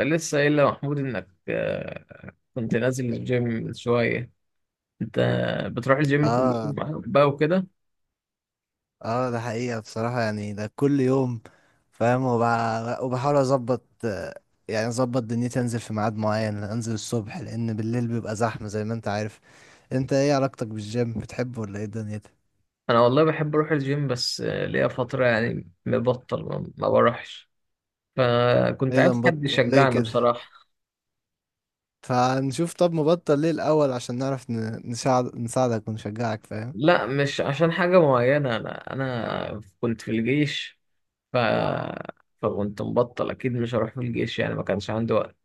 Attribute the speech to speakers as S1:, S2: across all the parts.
S1: لسه قايل لمحمود انك كنت نازل الجيم شوية. انت بتروح الجيم كل يوم
S2: اه،
S1: بقى وكده؟
S2: اه، ده حقيقة بصراحة، يعني ده كل يوم، فاهم. وبحاول اظبط، يعني اظبط دنيتي، انزل في ميعاد معين، انزل الصبح لان بالليل بيبقى زحمة زي ما انت عارف. انت ايه علاقتك بالجيم؟ بتحبه ولا ايه دنيتك؟
S1: انا والله بحب اروح الجيم، بس ليا فترة يعني مبطل ما بروحش، فكنت
S2: ايه ده،
S1: عايز حد
S2: مبطل ليه
S1: يشجعني
S2: كده؟
S1: بصراحة.
S2: فنشوف، طب مبطل ليه الاول عشان نعرف نساعدك ونشجعك، فاهم.
S1: لا مش عشان حاجة معينة، انا كنت في الجيش. ف فكنت مبطل، اكيد مش هروح في الجيش يعني، ما كانش عندي وقت.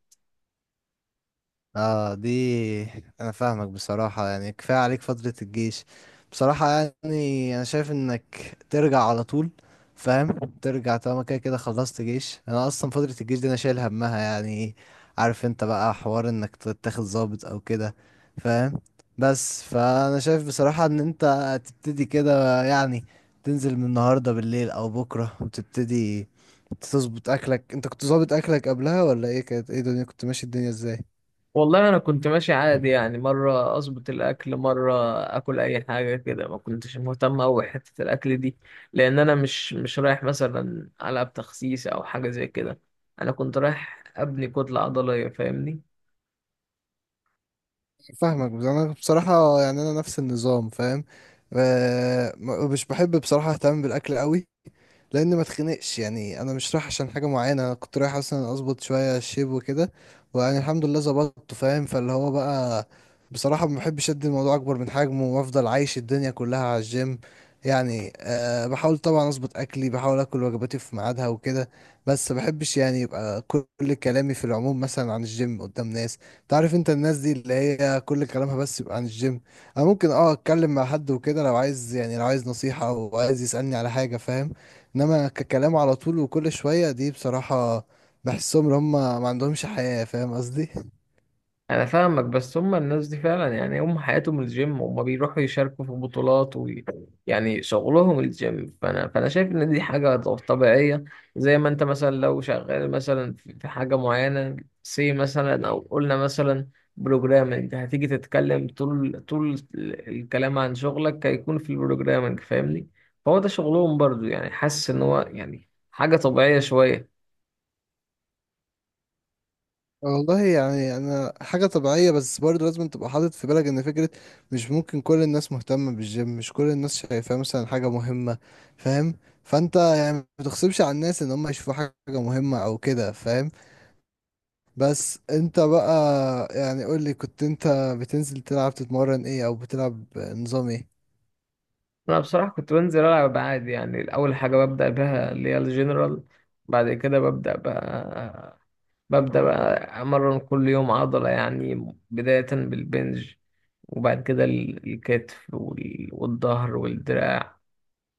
S2: اه، انا فاهمك بصراحة، يعني كفاية عليك فترة الجيش بصراحة. يعني انا شايف انك ترجع على طول، فاهم. ترجع طالما كده كده خلصت جيش. انا اصلا فترة الجيش دي انا شايل همها يعني. عارف انت بقى حوار انك تتاخد ضابط او كده، فاهم. بس فانا شايف بصراحة ان انت تبتدي كده يعني، تنزل من النهاردة بالليل او بكرة وتبتدي تظبط اكلك. انت كنت ظابط اكلك قبلها ولا ايه؟ كانت ايه الدنيا؟ كنت ماشي الدنيا ازاي؟
S1: والله انا كنت ماشي عادي يعني، مره اظبط الاكل، مره اكل اي حاجه كده، ما كنتش مهتم اوي حته الاكل دي. لان انا مش رايح مثلا العب تخسيس او حاجه زي كده، انا كنت رايح ابني كتله عضليه فاهمني.
S2: فاهمك، بس انا بصراحة يعني انا نفس النظام، فاهم. مش بحب بصراحة اهتم بالاكل قوي، لان ما اتخنقش. يعني انا مش رايح عشان حاجه معينه، انا كنت رايح اصلا اظبط شويه الشيب وكده، ويعني الحمد لله ظبطته، فاهم. فاللي هو بقى، بصراحه ما بحبش ادي الموضوع اكبر من حجمه، وافضل عايش الدنيا كلها على الجيم. يعني بحاول طبعا اظبط اكلي، بحاول اكل وجباتي في ميعادها وكده. بس ما بحبش يعني يبقى كل كلامي في العموم مثلا عن الجيم قدام ناس. تعرف انت الناس دي اللي هي كل كلامها بس يبقى عن الجيم. انا ممكن اتكلم مع حد وكده، لو عايز يعني، لو عايز نصيحه او عايز يسالني على حاجه، فاهم. انما ككلام على طول وكل شوية دي بصراحة، بحسهم ان هم ما عندهمش حياة، فاهم قصدي.
S1: انا فاهمك، بس هم الناس دي فعلا يعني هم حياتهم الجيم، هم بيروحوا يشاركوا في بطولات يعني شغلهم الجيم. فانا شايف ان دي حاجه طبيعيه. زي ما انت مثلا لو شغال مثلا في حاجه معينه، سي مثلا، او قلنا مثلا بروجرامنج، هتيجي تتكلم طول، طول الكلام عن شغلك هيكون في البروجرامنج فاهمني. فهو ده شغلهم برضو يعني، حاسس ان هو يعني حاجه طبيعيه شويه.
S2: والله يعني انا حاجة طبيعية، بس برضه لازم تبقى حاطط في بالك ان فكرة مش ممكن كل الناس مهتمة بالجيم، مش كل الناس شايفاه مثلا حاجة مهمة، فاهم. فانت يعني ما تغصبش على الناس ان هم يشوفوا حاجة مهمة او كده، فاهم. بس انت بقى، يعني قولي كنت انت بتنزل تلعب، تتمرن ايه او بتلعب نظام ايه؟
S1: انا بصراحه كنت بنزل العب عادي يعني، اول حاجه ببدا بها اللي هي الجنرال، بعد كده ببدا بقى امرن كل يوم عضله، يعني بدايه بالبنج، وبعد كده الكتف والظهر والدراع.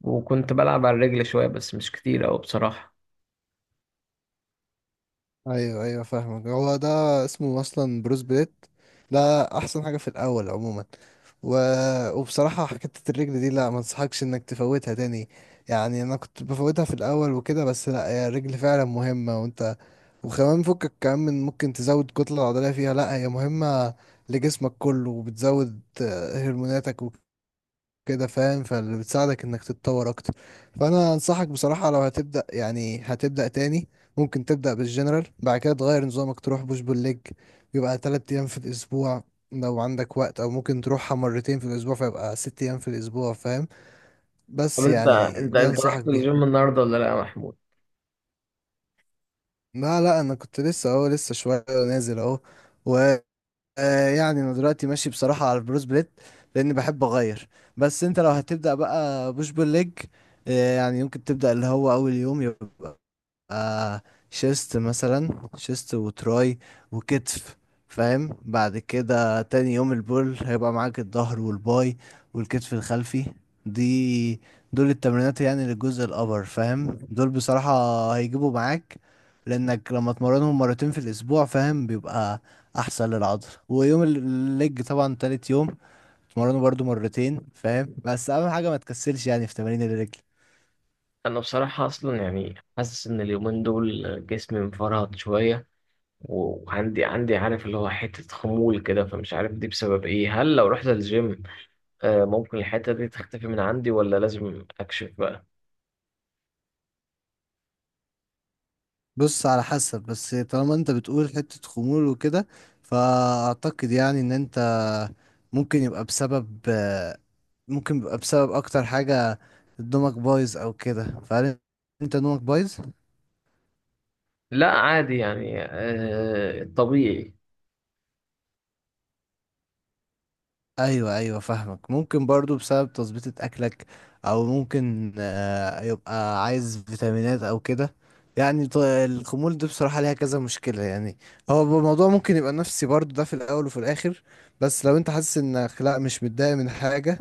S1: وكنت بلعب على الرجل شويه بس مش كتير أوي بصراحه.
S2: ايوه، ايوه، فاهمك. هو ده اسمه اصلا بروس بليت. ده احسن حاجه في الاول عموما. و... وبصراحه حكايه الرجل دي، لا ما انصحكش انك تفوتها تاني. يعني انا كنت بفوتها في الاول وكده، بس لا هي الرجل فعلا مهمه. وانت وكمان فكك كمان من ممكن تزود كتله عضليه فيها، لا هي مهمه لجسمك كله، وبتزود هرموناتك كده، فاهم. فاللي بتساعدك انك تتطور اكتر، فانا انصحك بصراحة لو هتبدأ، يعني هتبدأ تاني، ممكن تبدأ بالجنرال، بعد كده تغير نظامك تروح بوش بول ليج، يبقى 3 ايام في الاسبوع لو عندك وقت، او ممكن تروحها مرتين في الاسبوع، فيبقى 6 ايام في الاسبوع، فاهم.
S1: طب
S2: بس
S1: انت
S2: يعني
S1: انت
S2: دي
S1: انت
S2: انصحك
S1: رحت
S2: بيها.
S1: الجيم النهارده ولا لا يا محمود؟
S2: لا، لا، انا كنت لسه اهو، لسه شوية نازل اهو. آه، يعني انا دلوقتي ماشي بصراحة على البروس بليت، لاني بحب اغير. بس انت لو هتبدأ بقى بوش بول ليج، يعني يمكن تبدأ اللي هو اول يوم، آه شيست مثلا، شيست وتراي وكتف، فاهم. بعد كده تاني يوم البول هيبقى معاك الظهر والباي والكتف الخلفي. دي دول التمرينات يعني للجزء الأبر، فاهم. دول بصراحة هيجيبوا معاك، لأنك لما تمرنهم مرتين في الأسبوع، فاهم، بيبقى أحسن للعضل. ويوم الليج طبعا تالت يوم تمرنه برضو مرتين، فاهم. بس أهم حاجة ما تكسلش يعني في تمارين الليج.
S1: انا بصراحه اصلا يعني حاسس ان اليومين دول جسمي مفرهد شويه، وعندي عارف اللي هو حتة خمول كده، فمش عارف دي بسبب ايه. هل لو رحت الجيم ممكن الحتة دي تختفي من عندي ولا لازم اكشف بقى؟
S2: بص، على حسب. بس طالما انت بتقول حتة خمول وكده، فأعتقد يعني ان انت ممكن يبقى بسبب ممكن يبقى بسبب اكتر حاجة نومك بايظ او كده. فهل انت نومك بايظ؟
S1: لا عادي يعني طبيعي.
S2: ايوه، ايوه، فاهمك. ممكن برضو بسبب تظبيطة اكلك، او ممكن يبقى عايز فيتامينات او كده. يعني الخمول دي بصراحة ليها كذا مشكلة يعني. هو الموضوع ممكن يبقى نفسي برضو ده في الاول وفي الاخر. بس لو انت حاسس انك لا، مش متضايق من حاجة،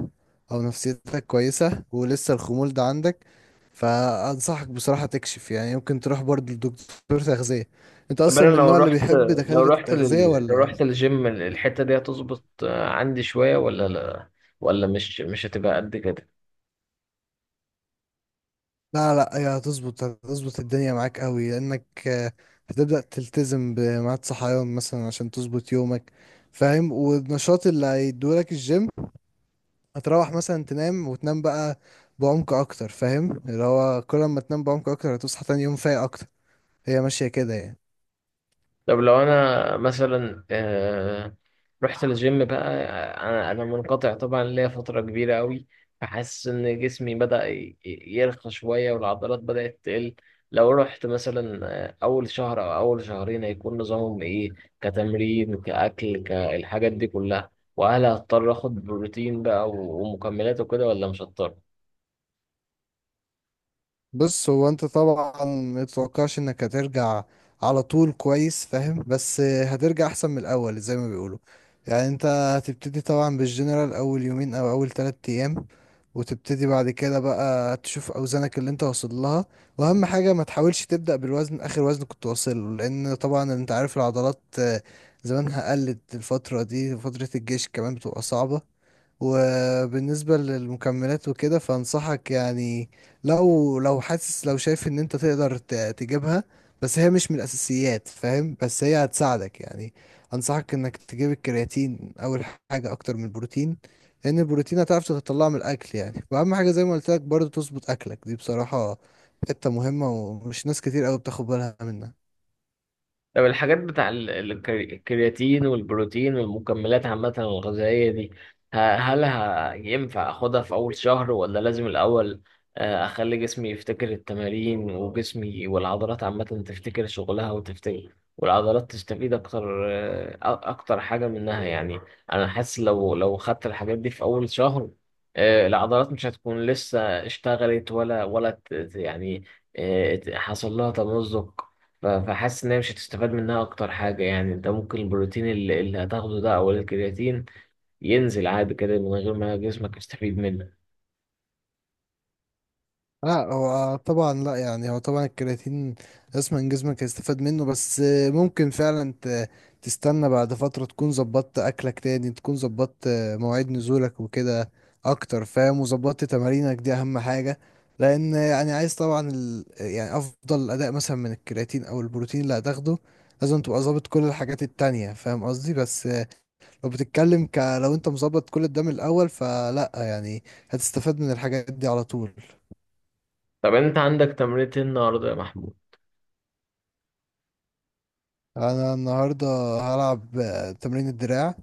S2: او نفسيتك كويسة ولسه الخمول ده عندك، فانصحك بصراحة تكشف. يعني ممكن تروح برضو لدكتور تغذية. انت
S1: طب انا
S2: اصلا من
S1: لو
S2: النوع اللي
S1: رحت،
S2: بيحب دكاترة التغذية
S1: لو
S2: ولا؟
S1: رحت الجيم الحتة دي هتظبط عندي شوية ولا لا؟ ولا مش هتبقى قد كده؟
S2: لا، لا، هي هتظبط الدنيا معاك قوي، لانك هتبدأ تلتزم بميعاد صحيان مثلا عشان تظبط يومك، فاهم. والنشاط اللي هيدولك الجيم، هتروح مثلا تنام، وتنام بقى بعمق اكتر، فاهم. اللي هو كل ما تنام بعمق اكتر، هتصحى تاني يوم فايق اكتر. هي ماشية كده يعني.
S1: طب لو انا مثلا رحت الجيم بقى، انا منقطع طبعا ليا فتره كبيره قوي، فحاسس ان جسمي بدا يرخى شويه والعضلات بدات تقل. لو رحت مثلا اول شهر او اول شهرين هيكون نظامهم ايه؟ كتمرين كاكل كالحاجات دي كلها؟ وهل هضطر اخد بروتين بقى ومكملات وكده ولا مش هضطر؟
S2: بص، هو انت طبعا متتوقعش انك هترجع على طول كويس، فاهم. بس هترجع احسن من الاول زي ما بيقولوا. يعني انت هتبتدي طبعا بالجنرال اول يومين او اول 3 ايام، وتبتدي بعد كده بقى تشوف اوزانك اللي انت واصل لها. واهم حاجة ما تحاولش تبدأ بالوزن، اخر وزن كنت واصل له، لان طبعا انت عارف العضلات زمانها قلت الفترة دي، فترة الجيش كمان بتبقى صعبة. وبالنسبة للمكملات وكده، فانصحك يعني، لو حاسس، لو شايف ان انت تقدر تجيبها، بس هي مش من الاساسيات، فاهم. بس هي هتساعدك يعني. انصحك انك تجيب الكرياتين اول حاجة اكتر من البروتين، لان البروتين هتعرف تطلعه من الاكل يعني. واهم حاجة زي ما قلت لك برضه، تظبط اكلك، دي بصراحة حتة مهمة، ومش ناس كتير قوي بتاخد بالها منها.
S1: طب الحاجات بتاع الكرياتين والبروتين والمكملات عامة الغذائية دي، هل ينفع أخدها في أول شهر ولا لازم الأول أخلي جسمي يفتكر التمارين، وجسمي والعضلات عامة تفتكر شغلها وتفتكر، والعضلات تستفيد أكتر أكتر حاجة منها يعني؟ أنا حاسس لو خدت الحاجات دي في أول شهر العضلات مش هتكون لسه اشتغلت ولا يعني حصل لها تمزق. فحاسس ان هي مش هتستفاد منها اكتر حاجه يعني. انت ممكن البروتين اللي هتاخده ده او الكرياتين ينزل عادي كده من غير ما جسمك يستفيد منه.
S2: لا، هو طبعا لا يعني، هو طبعا الكرياتين جسمك هيستفاد منه. بس ممكن فعلا تستنى بعد فترة، تكون ظبطت أكلك، تاني تكون ظبطت مواعيد نزولك وكده أكتر، فاهم. وظبطت تمارينك، دي أهم حاجة. لأن يعني عايز طبعا يعني أفضل أداء مثلا من الكرياتين أو البروتين اللي هتاخده، لازم تبقى ظابط كل الحاجات التانية، فاهم قصدي. بس لو بتتكلم لو أنت مظبط كل ده من الأول، فلا يعني هتستفاد من الحاجات دي على طول.
S1: طب انت عندك تمرينة إيه النهارده يا محمود؟
S2: انا النهارده هلعب تمرين الدراع،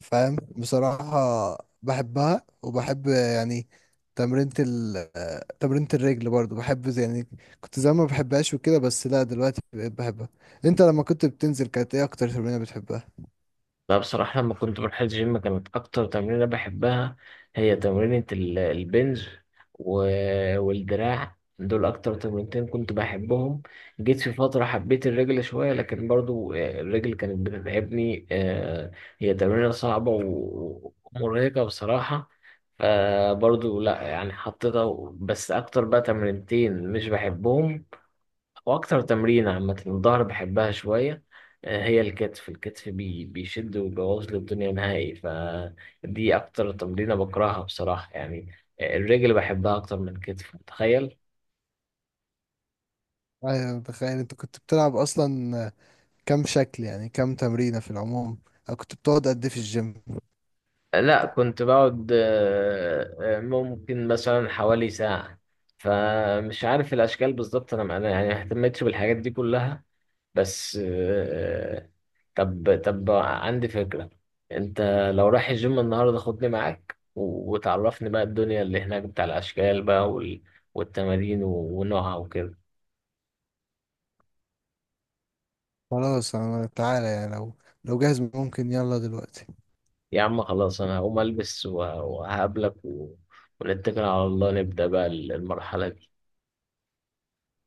S2: فاهم. بصراحه بحبها. وبحب يعني تمرينة ال آه، تمرينة الرجل برضو بحب، يعني كنت زمان ما بحبهاش وكده، بس لا دلوقتي بقيت بحبها. انت لما كنت بتنزل، كانت ايه اكتر تمرينة بتحبها؟
S1: لا بصراحة لما كنت بروح الجيم كانت أكتر تمرينة بحبها هي تمرينة البنج والدراع، دول أكتر تمرينتين كنت بحبهم. جيت في فترة حبيت الرجل شوية، لكن برضو الرجل كانت بتتعبني، هي تمرينة صعبة ومرهقة بصراحة. فبرضو لا يعني حطيتها، بس أكتر بقى تمرينتين مش بحبهم واكتر تمرين عامه الظهر بحبها شويه. هي الكتف، الكتف بيشد ويبوظ لي الدنيا نهائي، فدي اكتر تمرينه بكرهها بصراحه يعني. الرجل بحبها اكتر من الكتف تخيل.
S2: ايوه، متخيل. انت كنت بتلعب اصلا كام شكل يعني، كام تمرينة في العموم؟ أو كنت بتقعد قد ايه في الجيم؟
S1: لا كنت بقعد ممكن مثلا حوالي ساعة، فمش عارف الأشكال بالظبط. أنا يعني ما اهتمتش بالحاجات دي كلها، بس طب عندي فكرة. انت لو رايح الجيم النهاردة خدني معاك وتعرفني بقى الدنيا اللي هناك بتاع الأشكال بقى والتمارين ونوعها وكده.
S2: خلاص، انا تعالى يعني، لو جاهز ممكن، يلا دلوقتي.
S1: يا عم خلاص انا هقوم البس وهقابلك ونتكل على الله نبدأ بقى المرحلة دي.